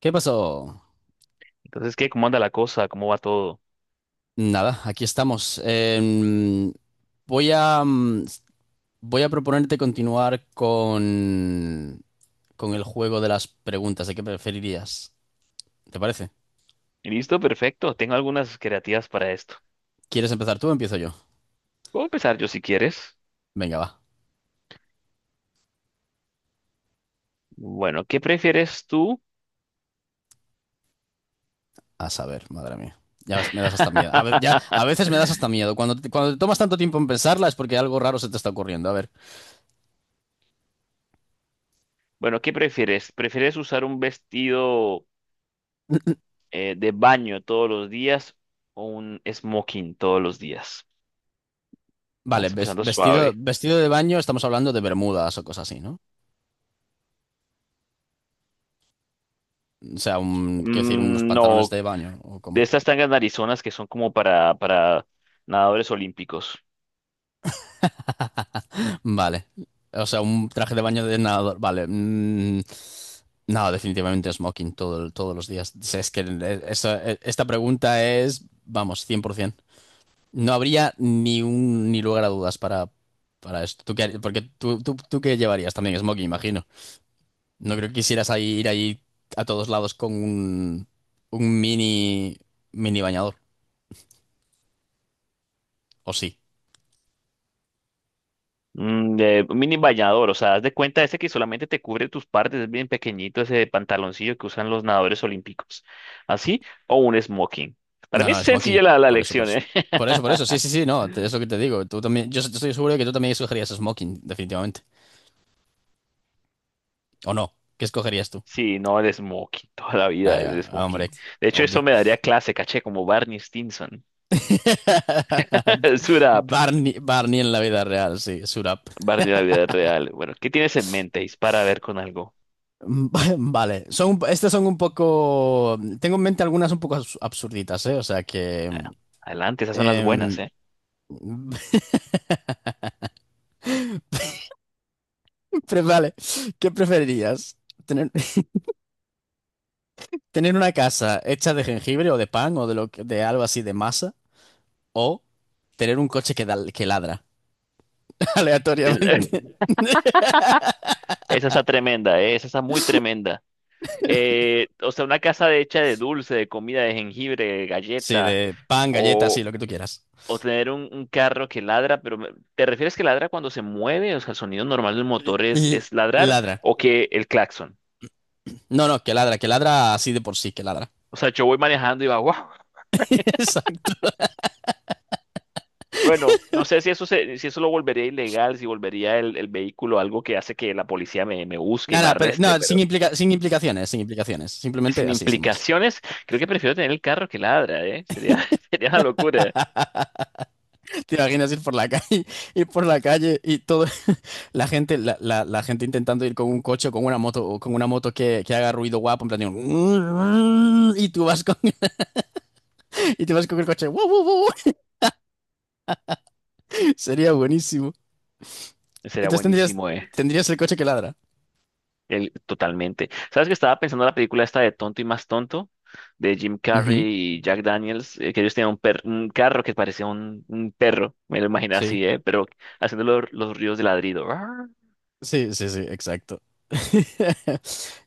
¿Qué pasó? Entonces, ¿qué? ¿Cómo anda la cosa? ¿Cómo va todo? Nada, aquí estamos. Voy a, mm, Voy a proponerte continuar con el juego de las preguntas de qué preferirías. ¿Te parece? Listo, perfecto. Tengo algunas creativas para esto. ¿Quieres empezar tú o empiezo yo? Puedo empezar yo si quieres. Venga, va. Bueno, ¿qué prefieres tú? A saber, madre mía. Ya ves, me das hasta miedo. Ya, a veces me das hasta miedo. Cuando te tomas tanto tiempo en pensarla es porque algo raro se te está ocurriendo. A ver. Bueno, ¿qué prefieres? ¿Prefieres usar un vestido de baño todos los días o un smoking todos los días? Vale, Vamos ves- empezando vestido, suave. vestido de baño, estamos hablando de bermudas o cosas así, ¿no? O sea, quiero decir, unos pantalones No, de baño o de cómo. estas tangas narizonas que son como para nadadores olímpicos. Vale. O sea, un traje de baño de nadador. Vale. No, definitivamente smoking todos los días. O sea, es que esta pregunta es, vamos, 100%. No habría ni lugar a dudas para esto. ¿Tú qué, porque tú qué llevarías también smoking, imagino? No creo que quisieras ir ahí a todos lados con un mini bañador. ¿O sí? De mini bañador, o sea, haz de cuenta ese que solamente te cubre tus partes, es bien pequeñito ese pantaloncillo que usan los nadadores olímpicos. Así, o un smoking. Para No, mí es no, smoking. sencilla la Por eso, por elección, eso. ¿eh? Por eso, por eso. Sí, sí, sí, no. Es lo que te digo. Tú también. Yo estoy seguro de que tú también escogerías smoking, definitivamente. ¿O no? ¿Qué escogerías tú? Sí, no, el smoking, toda la vida el Ah, smoking. hombre, De hecho, obvio. eso me daría clase, caché, como Barney Stinson. Suit up, Barney, Barney en la vida real, sí, Surap. Barney de la vida real. Bueno, ¿qué tienes en mente? Dispara a ver con algo. Vale, son, estas son un poco. Tengo en mente algunas un poco absurditas, ¿eh? O sea que. Ah, adelante, esas son las buenas, em, ¿eh? Vale, ¿qué preferirías? ¿Tener, tener una casa hecha de jengibre o de pan o de, de algo así de masa? O tener un coche que, que ladra aleatoriamente. Esa está tremenda, ¿eh? Esa está muy tremenda. O sea, una casa hecha de dulce, de comida, de jengibre, de Sí, galleta, de pan, galletas, sí, o, lo que tú quieras. o tener un carro que ladra, pero ¿te refieres que ladra cuando se mueve? O sea, el sonido normal del motor es, Y es ladrar ladra. o que el claxon. No, no, que ladra así de por sí, que ladra. O sea, yo voy manejando y va, wow. Exacto. Bueno, no sé si eso si eso lo volvería ilegal, si volvería el vehículo algo que hace que la policía me busque y me Nada, pero arreste, no, pero sin implicaciones, sin implicaciones. Simplemente sin así, sin más. implicaciones, creo que prefiero tener el carro que ladra, ¿eh? Sería, sería una locura. ¿Te imaginas ir por la calle, ir por la calle y todo, la gente, la gente intentando ir con un coche o con una moto, o con una moto que haga ruido guapo, en plan, y tú vas con, y tú vas con el coche, "Wow, wow, wow". Sería buenísimo. Sería Entonces tendrías, buenísimo, ¿eh? tendrías el coche que ladra. Totalmente. ¿Sabes que estaba pensando en la película esta de Tonto y Más Tonto? De Jim Ujú, Carrey y Jack Daniels, que ellos tenían un carro que parecía un perro, me lo imaginé sí, así, ¿eh? Pero haciendo los ríos de ladrido. Arr. sí, sí, sí, exacto.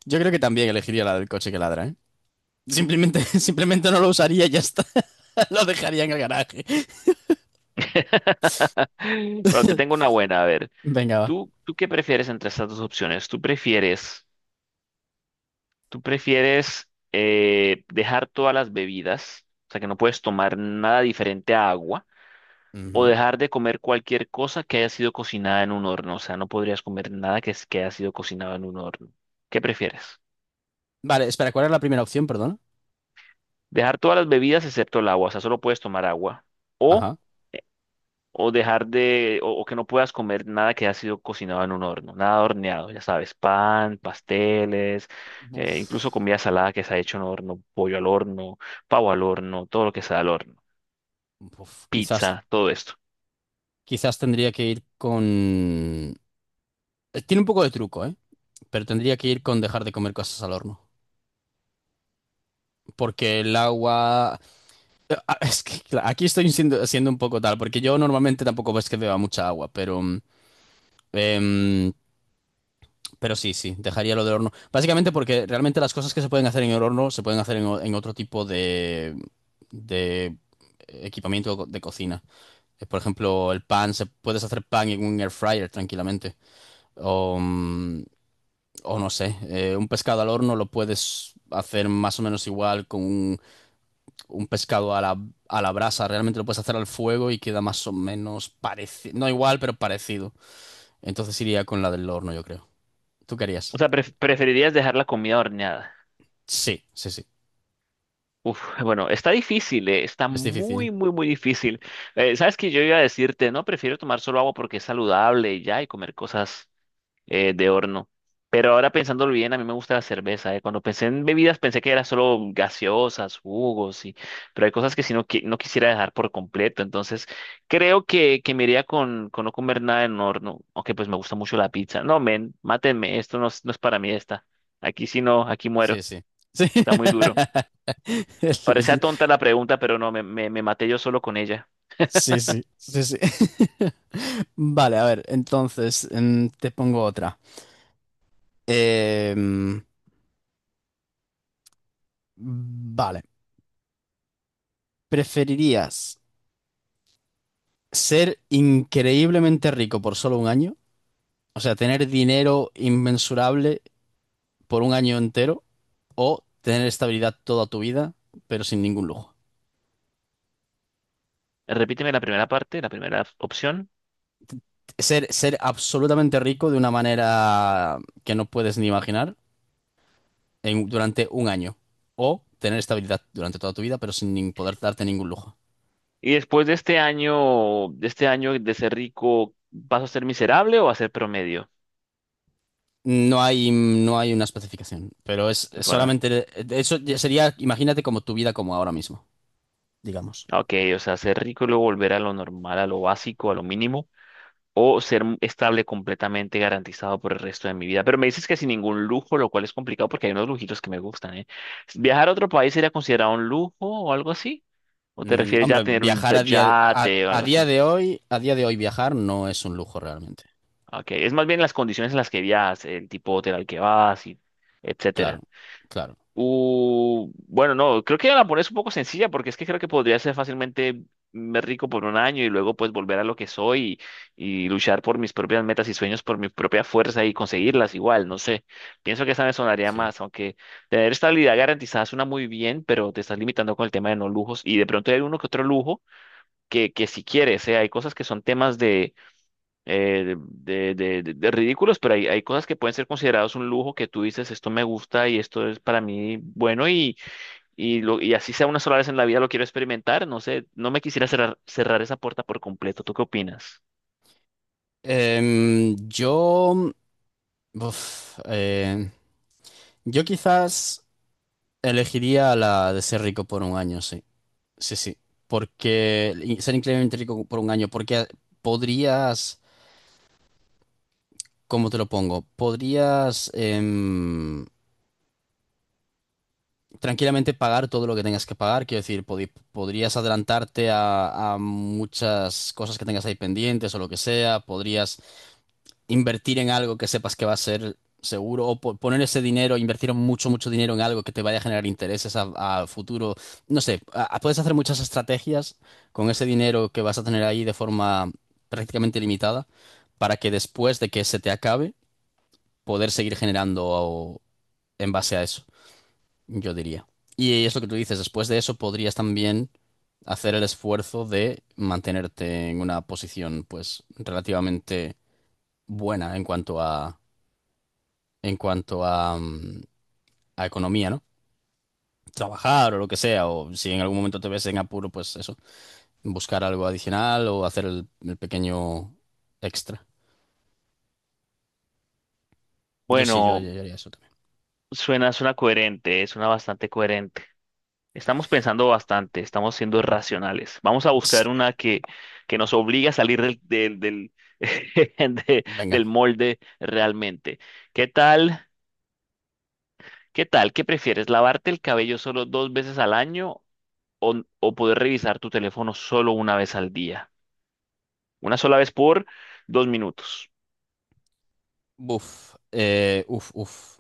Yo creo que también elegiría la del coche que ladra, ¿eh? Simplemente, simplemente no lo usaría y ya está. Lo dejaría en el garaje. Bueno, te tengo una buena, a ver. Venga, va. ¿Tú qué prefieres entre estas dos opciones? ¿Tú prefieres, dejar todas las bebidas, o sea, que no puedes tomar nada diferente a agua? O Ujú. dejar de comer cualquier cosa que haya sido cocinada en un horno. O sea, no podrías comer nada que haya sido cocinado en un horno. ¿Qué prefieres? Vale, espera, ¿cuál era la primera opción, perdón? Dejar todas las bebidas excepto el agua, o sea, solo puedes tomar agua. O, Ajá. o que no puedas comer nada que haya sido cocinado en un horno, nada horneado, ya sabes, pan, pasteles, incluso Buf, comida salada que se ha hecho en horno, pollo al horno, pavo al horno, todo lo que sea al horno, buf, quizás, pizza, todo esto. quizás tendría que ir con... tiene un poco de truco, ¿eh? Pero tendría que ir con dejar de comer cosas al horno. Porque el agua... Es que aquí estoy siendo un poco tal, porque yo normalmente tampoco ves que beba mucha agua, pero, em, pero sí, sí, dejaría lo del horno. Básicamente porque realmente las cosas que se pueden hacer en el horno se pueden hacer en otro tipo de equipamiento de cocina. Por ejemplo, el pan, puedes hacer pan en un air fryer tranquilamente. O, mm, o no sé, un pescado al horno lo puedes hacer más o menos igual un pescado a la brasa, realmente lo puedes hacer al fuego y queda más o menos parecido, no igual, pero parecido. Entonces iría con la del horno, yo creo. ¿Tú O querías? sea, preferirías dejar la comida horneada. Sí, sí, sí. Uf, bueno, está difícil. Está Es difícil. muy, muy, muy difícil. Sabes que yo iba a decirte, no, prefiero tomar solo agua porque es saludable y ya, y comer cosas de horno. Pero ahora pensándolo bien, a mí me gusta la cerveza, eh. Cuando pensé en bebidas pensé que era solo gaseosas, jugos, y pero hay cosas que si no, no quisiera dejar por completo. Entonces, creo que me iría con no comer nada en horno, aunque pues me gusta mucho la pizza. No, men, mátenme, esto no, no es para mí esta. Aquí sí no, aquí muero. Sí, sí. Sí. Está muy duro. Parecía tonta la pregunta, pero no, me maté yo solo con ella. Sí, sí, sí, sí. Vale, a ver, entonces te pongo otra. Em, vale, ¿preferirías ser increíblemente rico por solo un año? O sea, tener dinero inmensurable por un año entero o tener estabilidad toda tu vida, pero sin ningún lujo. Repíteme la primera parte, la primera opción. Ser absolutamente rico de una manera que no puedes ni imaginar durante un año o tener estabilidad durante toda tu vida, pero sin nin- poder darte ningún lujo. Y después de este año, de ser rico, ¿vas a ser miserable o a ser promedio? No hay, no hay una especificación, pero es Bueno, solamente, eso ya sería, imagínate como tu vida como ahora mismo, digamos. ok, o sea, ser rico y luego volver a lo normal, a lo básico, a lo mínimo, o ser estable completamente garantizado por el resto de mi vida. Pero me dices que sin ningún lujo, lo cual es complicado porque hay unos lujitos que me gustan, ¿eh? ¿Viajar a otro país sería considerado un lujo o algo así? ¿O te Mm, refieres ya a hombre, tener un viajar yate o algo así? A día de hoy viajar no es un lujo realmente. Okay, es más bien las condiciones en las que viajas, el tipo de hotel al que vas y Claro, etcétera. claro. Bueno, no, creo que la pones un poco sencilla porque es que creo que podría ser fácilmente me rico por un año y luego pues volver a lo que soy y luchar por mis propias metas y sueños por mi propia fuerza y conseguirlas igual, no sé. Pienso que esa me sonaría Sí. más, aunque tener estabilidad garantizada suena muy bien, pero te estás limitando con el tema de no lujos y de pronto hay uno que otro lujo que si quieres, hay cosas que son temas de ridículos, pero hay cosas que pueden ser considerados un lujo que tú dices, esto me gusta y esto es para mí bueno y así sea una sola vez en la vida lo quiero experimentar, no sé, no me quisiera cerrar esa puerta por completo, ¿tú qué opinas? Em, yo, uf, eh, yo quizás elegiría la de ser rico por un año, sí, sí, sí, porque y ser increíblemente rico por un año, porque podrías, ¿cómo te lo pongo? Podrías tranquilamente pagar todo lo que tengas que pagar, quiero decir, podrías adelantarte a, muchas cosas que tengas ahí pendientes o lo que sea, podrías invertir en algo que sepas que va a ser seguro o poner ese dinero, invertir mucho, mucho dinero en algo que te vaya a generar intereses a futuro. No sé, puedes hacer muchas estrategias con ese dinero que vas a tener ahí de forma prácticamente limitada para que después de que se te acabe, poder seguir generando en base a eso, yo diría. Y es lo que tú dices, después de eso podrías también hacer el esfuerzo de mantenerte en una posición pues relativamente buena en cuanto a en cuanto a, mm, economía, ¿no? Trabajar o lo que sea, o si en algún momento te ves en apuro, pues eso, buscar algo adicional o hacer el pequeño extra. Yo sí, yo, Bueno, yo haría eso también. suena coherente, suena bastante coherente. Estamos pensando bastante, estamos siendo racionales. Vamos a Sí. buscar una que nos obligue a salir del de- Venga, del molde realmente. ¿Qué tal? ¿Qué tal? ¿Qué prefieres? ¿Lavarte el cabello solo 2 veces al año o, o poder revisar tu teléfono solo una vez al día? Una sola vez por 2 minutos. buf, uf, uf.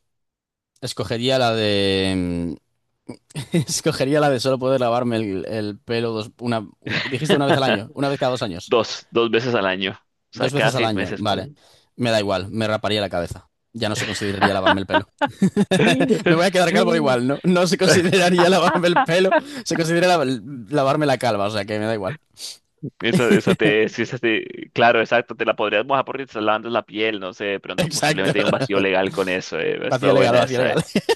Escogería la de... Escogería la de solo poder lavarme el pelo dos, una... dijiste una vez al año, una vez cada dos años. Dos veces al año. O Dos sea, cada veces al seis año, meses, vale. ponle. Me da igual, me raparía la cabeza. Ya no se consideraría lavarme el pelo. Me voy a quedar calvo igual, ¿no? No se consideraría lavarme el pelo, se considera lavarme la calva, o sea que me da igual. Sí, claro, exacto, te la podrías mojar porque te estás lavando la piel, no sé, de pronto Exacto. posiblemente hay un vacío legal con eso, eh. Vacío Estuvo legal, buena vacío esa, legal. eh.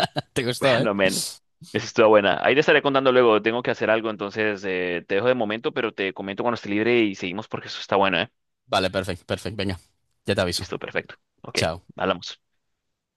Te gustó, ¿eh? Bueno, men, esa estuvo buena. Ahí te estaré contando luego, tengo que hacer algo, entonces te dejo de momento, pero te comento cuando esté libre y seguimos porque eso está bueno, eh. Vale, perfecto, perfecto, venga. Ya te aviso. Listo, perfecto. Ok, Chao. hablamos.